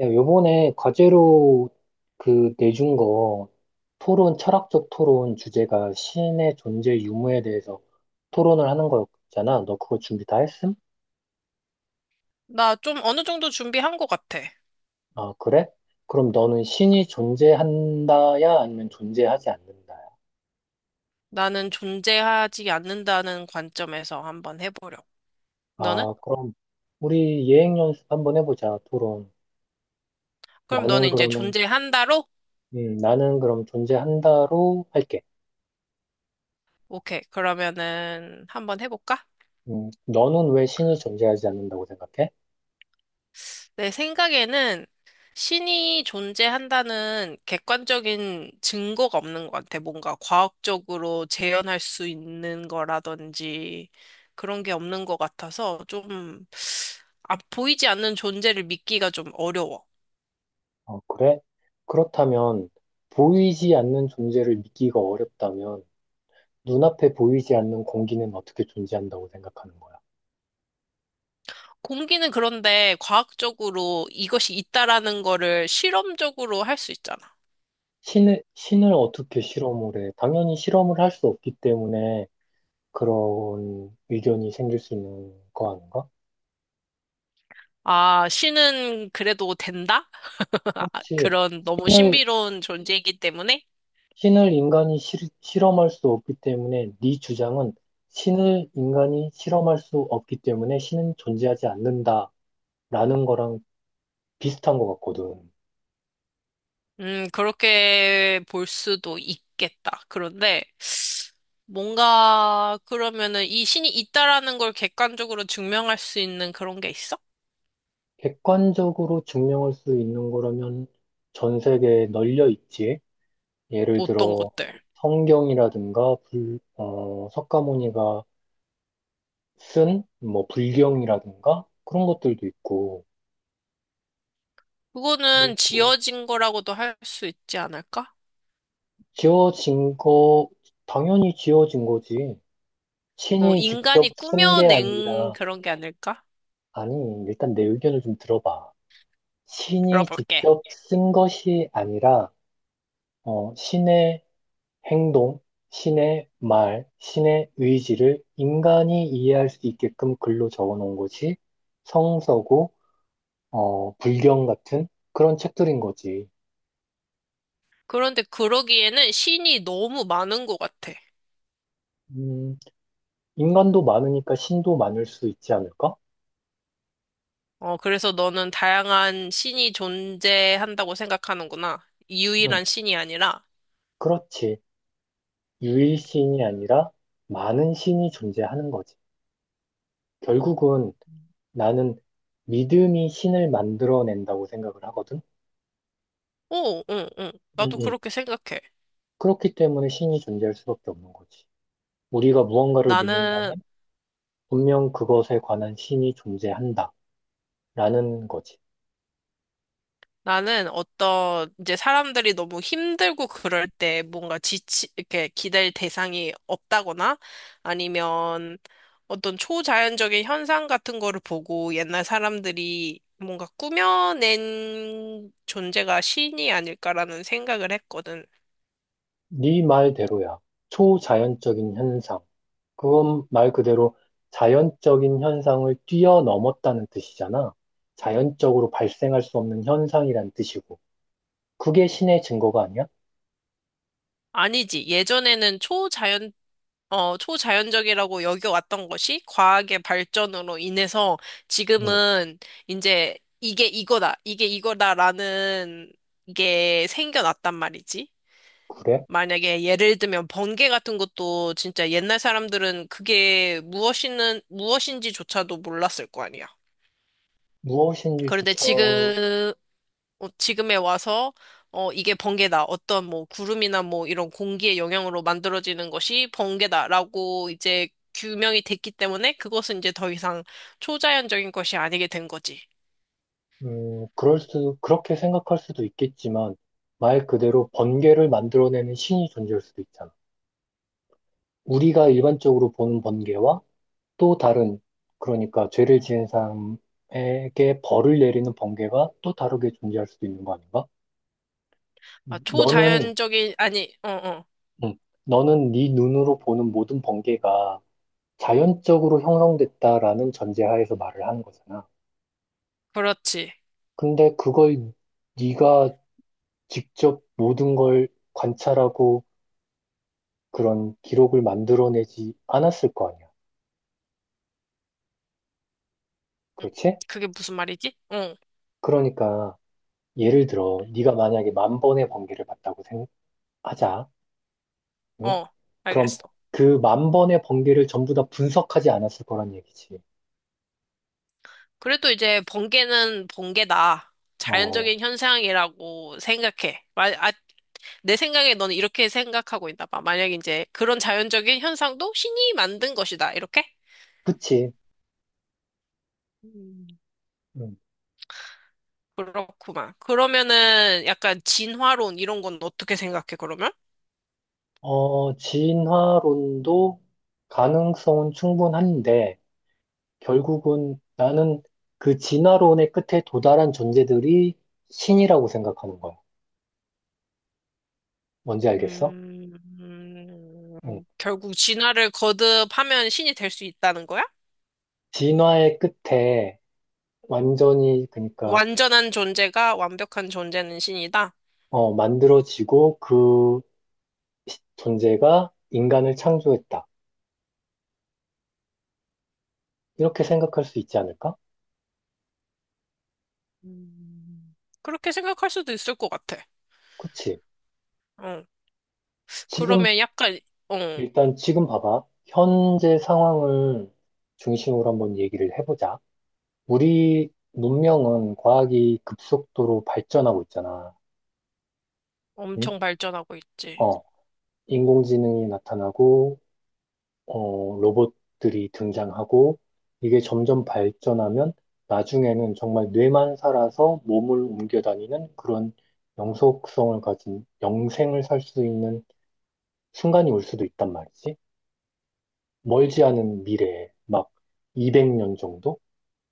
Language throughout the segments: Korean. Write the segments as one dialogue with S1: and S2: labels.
S1: 야, 요번에 과제로 그 내준 거 토론, 철학적 토론 주제가 신의 존재 유무에 대해서 토론을 하는 거였잖아. 너 그거 준비 다 했음?
S2: 나 좀 어느 정도 준비한 것 같아.
S1: 아, 그래? 그럼 너는 신이 존재한다야? 아니면 존재하지 않는다야?
S2: 나는 존재하지 않는다는 관점에서 한번 해보려. 너는?
S1: 아, 그럼 우리 예행 연습 한번 해보자, 토론.
S2: 그럼
S1: 나는
S2: 너는 이제
S1: 그러면,
S2: 존재한다로?
S1: 나는 그럼 존재한다로 할게.
S2: 오케이. 그러면은 한번 해볼까?
S1: 너는 왜 신이 존재하지 않는다고 생각해?
S2: 내 생각에는 신이 존재한다는 객관적인 증거가 없는 것 같아. 뭔가 과학적으로 재현할 수 있는 거라든지 그런 게 없는 것 같아서 좀, 아, 보이지 않는 존재를 믿기가 좀 어려워.
S1: 어, 그래? 그렇다면 보이지 않는 존재를 믿기가 어렵다면 눈앞에 보이지 않는 공기는 어떻게 존재한다고 생각하는 거야?
S2: 공기는 그런데 과학적으로 이것이 있다라는 거를 실험적으로 할 수 있잖아.
S1: 신을 어떻게 실험을 해? 당연히 실험을 할 수 없기 때문에 그런 의견이 생길 수 있는 거 아닌가?
S2: 아, 신은 그래도 된다? 아,
S1: 그렇지.
S2: 그런 너무
S1: 신을,
S2: 신비로운 존재이기 때문에,
S1: 신을 인간이 실험할 수 없기 때문에 네 주장은 신을 인간이 실험할 수 없기 때문에 신은 존재하지 않는다라는 거랑 비슷한 것 같거든.
S2: 그렇게 볼 수도 있겠다. 그런데 뭔가 그러면은 이 신이 있다라는 걸 객관적으로 증명할 수 있는 그런 게 있어?
S1: 객관적으로 증명할 수 있는 거라면 전 세계에 널려 있지. 예를
S2: 어떤
S1: 들어
S2: 것들?
S1: 성경이라든가 석가모니가 쓴 뭐 불경이라든가 그런 것들도 있고,
S2: 그거는
S1: 그리고
S2: 지어진 거라고도 할 수 있지 않을까?
S1: 지어진 거, 당연히 지어진 거지.
S2: 뭐
S1: 신이 직접
S2: 인간이
S1: 쓴 게
S2: 꾸며낸
S1: 아니라.
S2: 그런 게 아닐까?
S1: 아니, 일단 내 의견을 좀 들어봐. 신이
S2: 들어볼게.
S1: 직접 쓴 것이 아니라 신의 행동, 신의 말, 신의 의지를 인간이 이해할 수 있게끔 글로 적어 놓은 것이 성서고, 불경 같은 그런 책들인 거지.
S2: 그런데 그러기에는 신이 너무 많은 것 같아.
S1: 음, 인간도 많으니까 신도 많을 수 있지 않을까?
S2: 어, 그래서 너는 다양한 신이 존재한다고 생각하는구나.
S1: 응,
S2: 유일한 신이 아니라.
S1: 그렇지. 유일신이 아니라 많은 신이 존재하는 거지. 결국은 나는 믿음이 신을 만들어낸다고 생각을 하거든.
S2: 오, 응, 응.
S1: 응,
S2: 나도
S1: 응.
S2: 그렇게 생각해.
S1: 그렇기 때문에 신이 존재할 수밖에 없는 거지. 우리가 무언가를
S2: 나는
S1: 믿는다면 분명 그것에 관한 신이 존재한다. 라는 거지.
S2: 나는 어떤 이제 사람들이 너무 힘들고 그럴 때 뭔가 지치 이렇게 기댈 대상이 없다거나 아니면 어떤 초자연적인 현상 같은 거를 보고 옛날 사람들이 뭔가 꾸며낸 존재가 신이 아닐까라는 생각을 했거든.
S1: 네 말대로야. 초자연적인 현상. 그건 말 그대로 자연적인 현상을 뛰어넘었다는 뜻이잖아. 자연적으로 발생할 수 없는 현상이란 뜻이고. 그게 신의 증거가 아니야?
S2: 아니지. 예전에는 어, 초자연적이라고 여겨왔던 것이 과학의 발전으로 인해서
S1: 응,
S2: 지금은 이제 이게 이거다, 이게 이거다라는 게 생겨났단 말이지.
S1: 그래?
S2: 만약에 예를 들면 번개 같은 것도 진짜 옛날 사람들은 그게 무엇인지조차도 몰랐을 거 아니야. 그런데
S1: 무엇인지조차,
S2: 지금, 어, 지금에 와서 어, 이게 번개다. 어떤 뭐 구름이나 뭐 이런 공기의 영향으로 만들어지는 것이 번개다라고 이제 규명이 됐기 때문에 그것은 이제 더 이상 초자연적인 것이 아니게 된 거지.
S1: 그럴 수, 그렇게 생각할 수도 있겠지만, 말 그대로 번개를 만들어내는 신이 존재할 수도 있잖아. 우리가 일반적으로 보는 번개와 또 다른, 그러니까 죄를 지은 사람에게 벌을 내리는 번개가 또 다르게 존재할 수도 있는 거 아닌가?
S2: 아,
S1: 너는,
S2: 초자연적인 아니, 어, 어.
S1: 음, 너는 네 눈으로 보는 모든 번개가 자연적으로 형성됐다라는 전제하에서 말을 하는 거잖아.
S2: 그렇지.
S1: 근데 그걸 네가 직접 모든 걸 관찰하고 그런 기록을 만들어내지 않았을 거 아니야. 그렇지?
S2: 그게 무슨 말이지? 응,
S1: 그러니까 예를 들어 네가 만약에 만 번의 번개를 봤다고 생각하자. 응?
S2: 어,
S1: 그럼
S2: 알겠어.
S1: 그 만 번의 번개를 전부 다 분석하지 않았을 거란 얘기지.
S2: 그래도 이제 번개는 번개다.
S1: 어,
S2: 자연적인 현상이라고 생각해. 아, 내 생각에 너는 이렇게 생각하고 있나 봐. 만약 이제 그런 자연적인 현상도 신이 만든 것이다. 이렇게?
S1: 그치.
S2: 음.
S1: 음.
S2: 그렇구만. 그러면은 약간 진화론 이런 건 어떻게 생각해, 그러면?
S1: 어, 진화론도 가능성은 충분한데, 결국은 나는 그 진화론의 끝에 도달한 존재들이 신이라고 생각하는 거야. 뭔지 알겠어?
S2: 음,
S1: 응.
S2: 결국 진화를 거듭하면 신이 될 수 있다는 거야?
S1: 진화의 끝에 완전히, 그러니까,
S2: 완전한 존재가 완벽한 존재는 신이다?
S1: 어, 만들어지고 그 존재가 인간을 창조했다. 이렇게 생각할 수 있지 않을까?
S2: 음, 그렇게 생각할 수도 있을 것 같아.
S1: 그치?
S2: 어,
S1: 지금
S2: 그러면 약간, 어,
S1: 일단 지금 봐봐. 현재 상황을 중심으로 한번 얘기를 해보자. 우리 문명은 과학이 급속도로 발전하고 있잖아. 응?
S2: 엄청 발전하고 있지.
S1: 어, 인공지능이 나타나고, 어, 로봇들이 등장하고, 이게 점점 발전하면 나중에는 정말 뇌만 살아서 몸을 옮겨 다니는 그런 영속성을 가진 영생을 살 수 있는 순간이 올 수도 있단 말이지. 멀지 않은 미래에 막 200년 정도?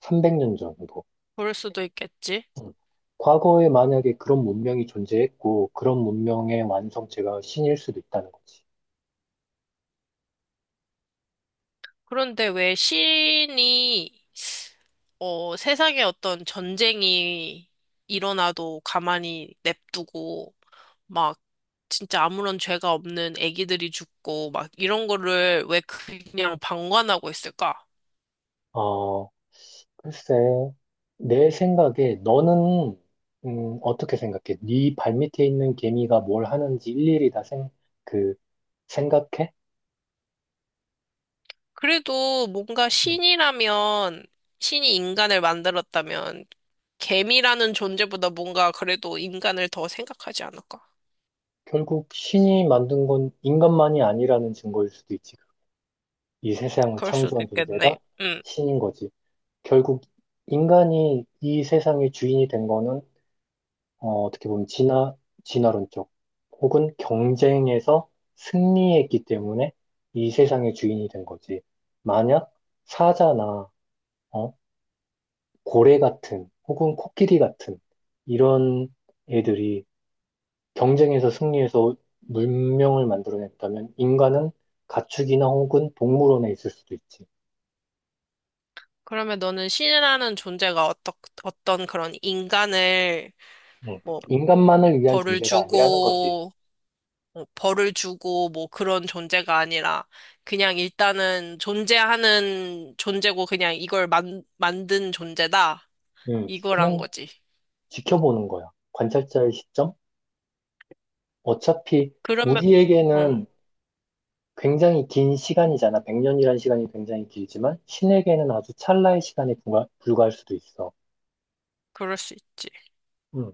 S1: 300년 정도.
S2: 그럴 수도 있겠지.
S1: 음. 과거에 만약에 그런 문명이 존재했고, 그런 문명의 완성체가 신일 수도 있다는 거지.
S2: 그런데 왜 신이 어, 세상에 어떤 전쟁이 일어나도 가만히 냅두고 막 진짜 아무런 죄가 없는 아기들이 죽고 막 이런 거를 왜 그냥 방관하고 있을까?
S1: 어, 글쎄, 내 생각에 너는, 어떻게 생각해? 네 발밑에 있는 개미가 뭘 하는지 일일이 다 그, 생각해?
S2: 그래도 뭔가
S1: 음.
S2: 신이라면 신이 인간을 만들었다면 개미라는 존재보다 뭔가 그래도 인간을 더 생각하지 않을까?
S1: 결국 신이 만든 건 인간만이 아니라는 증거일 수도 있지. 이 세상을
S2: 그럴 수도
S1: 창조한 존재가
S2: 있겠네. 음.
S1: 신인 거지. 결국 인간이 이 세상의 주인이 된 거는 어, 어떻게 보면 진화론적 혹은 경쟁에서 승리했기 때문에 이 세상의 주인이 된 거지. 만약 사자나 어, 고래 같은 혹은 코끼리 같은 이런 애들이 경쟁에서 승리해서 문명을 만들어냈다면 인간은 가축이나 혹은 동물원에 있을 수도 있지.
S2: 그러면 너는 신이라는 존재가 어떠, 어떤 그런 인간을
S1: 응.
S2: 뭐
S1: 인간만을 위한
S2: 벌을
S1: 존재가 아니라는 거지.
S2: 주고 뭐 그런 존재가 아니라 그냥 일단은 존재하는 존재고 그냥 이걸 만, 만든 존재다
S1: 응.
S2: 이거란
S1: 그냥
S2: 거지.
S1: 지켜보는 거야. 관찰자의 시점? 어차피
S2: 그러면 어
S1: 우리에게는 굉장히 긴 시간이잖아. 100년이라는 시간이 굉장히 길지만 신에게는 아주 찰나의 시간에 불과, 불과할 수도 있어.
S2: 그럴 수 있지.
S1: 음.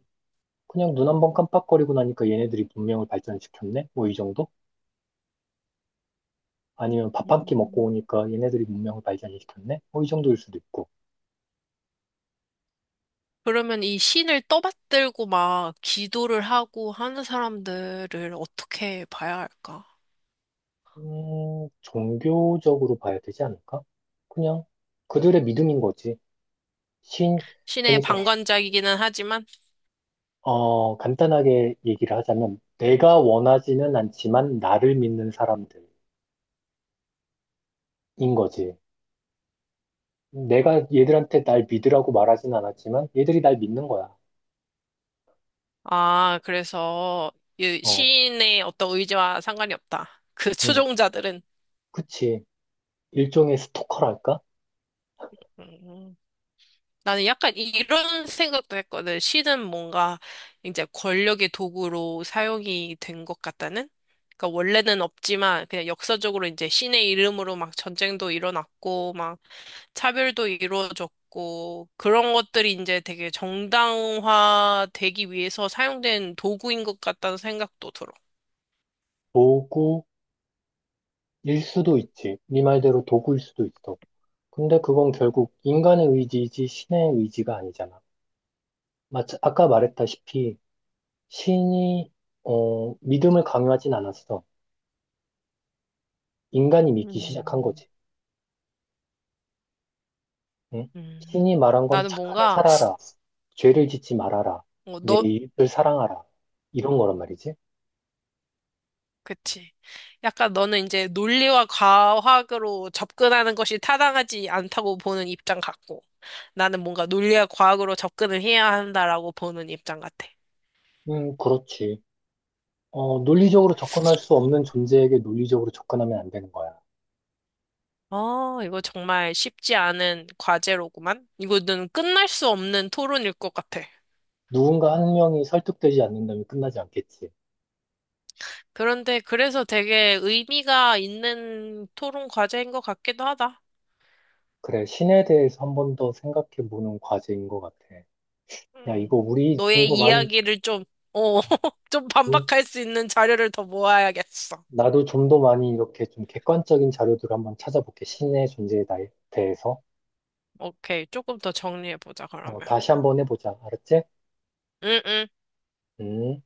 S1: 그냥 눈 한번 깜빡거리고 나니까 얘네들이 문명을 발전시켰네? 뭐 이 정도? 아니면 밥 한 끼 먹고
S2: 음.
S1: 오니까 얘네들이 문명을 발전시켰네? 뭐 이 정도일 수도 있고.
S2: 그러면 이 신을 떠받들고 막 기도를 하고 하는 사람들을 어떻게 봐야 할까?
S1: 종교적으로 봐야 되지 않을까? 그냥 그들의 믿음인 거지. 신,
S2: 신의
S1: 그러니까
S2: 방관자이기는 하지만
S1: 어, 간단하게 얘기를 하자면 내가 원하지는 않지만 나를 믿는 사람들인 거지. 내가 얘들한테 날 믿으라고 말하진 않았지만 얘들이 날 믿는 거야.
S2: 아, 그래서 이
S1: 어,
S2: 시인의 어떤 의지와 상관이 없다. 그
S1: 응,
S2: 추종자들은.
S1: 그치. 일종의 스토커랄까?
S2: 음, 나는 약간 이런 생각도 했거든. 시는 뭔가 이제 권력의 도구로 사용이 된 것 같다는? 그러니까 원래는 없지만 그냥 역사적으로 이제 신의 이름으로 막 전쟁도 일어났고 막 차별도 이루어졌고 그런 것들이 이제 되게 정당화되기 위해서 사용된 도구인 것 같다는 생각도 들어.
S1: 도구일 수도 있지. 네 말대로 도구일 수도 있어. 근데 그건 결국 인간의 의지이지 신의 의지가 아니잖아. 마치 아까 말했다시피 신이 어, 믿음을 강요하진 않았어. 인간이 믿기 시작한
S2: 음,
S1: 거지. 응?
S2: 음.
S1: 신이 말한 건
S2: 나는
S1: 착하게
S2: 뭔가,
S1: 살아라. 죄를 짓지 말아라.
S2: 어,
S1: 내
S2: 너,
S1: 이웃을 사랑하라. 이런 거란 말이지.
S2: 그치. 약간 너는 이제 논리와 과학으로 접근하는 것이 타당하지 않다고 보는 입장 같고, 나는 뭔가 논리와 과학으로 접근을 해야 한다라고 보는 입장 같아.
S1: 그렇지. 어, 논리적으로 접근할 수 없는 존재에게 논리적으로 접근하면 안 되는 거야.
S2: 어, 이거 정말 쉽지 않은 과제로구만. 이거는 끝날 수 없는 토론일 것 같아.
S1: 누군가 한 명이 설득되지 않는다면 끝나지 않겠지.
S2: 그런데 그래서 되게 의미가 있는 토론 과제인 것 같기도 하다.
S1: 그래, 신에 대해서 한 번 더 생각해 보는 과제인 것 같아. 야, 이거
S2: 음,
S1: 우리 좀
S2: 너의
S1: 더 많이,
S2: 이야기를 좀, 어,
S1: 어,
S2: 좀
S1: 응?
S2: 반박할 수 있는 자료를 더 모아야겠어.
S1: 나도 좀 더 많이 이렇게 좀 객관적인 자료들을 한번 찾아볼게. 신의 존재에 대해서.
S2: 오케이, 조금 더 정리해보자,
S1: 어,
S2: 그러면.
S1: 다시 한 번 해보자. 알았지?
S2: 응, 응.
S1: 음.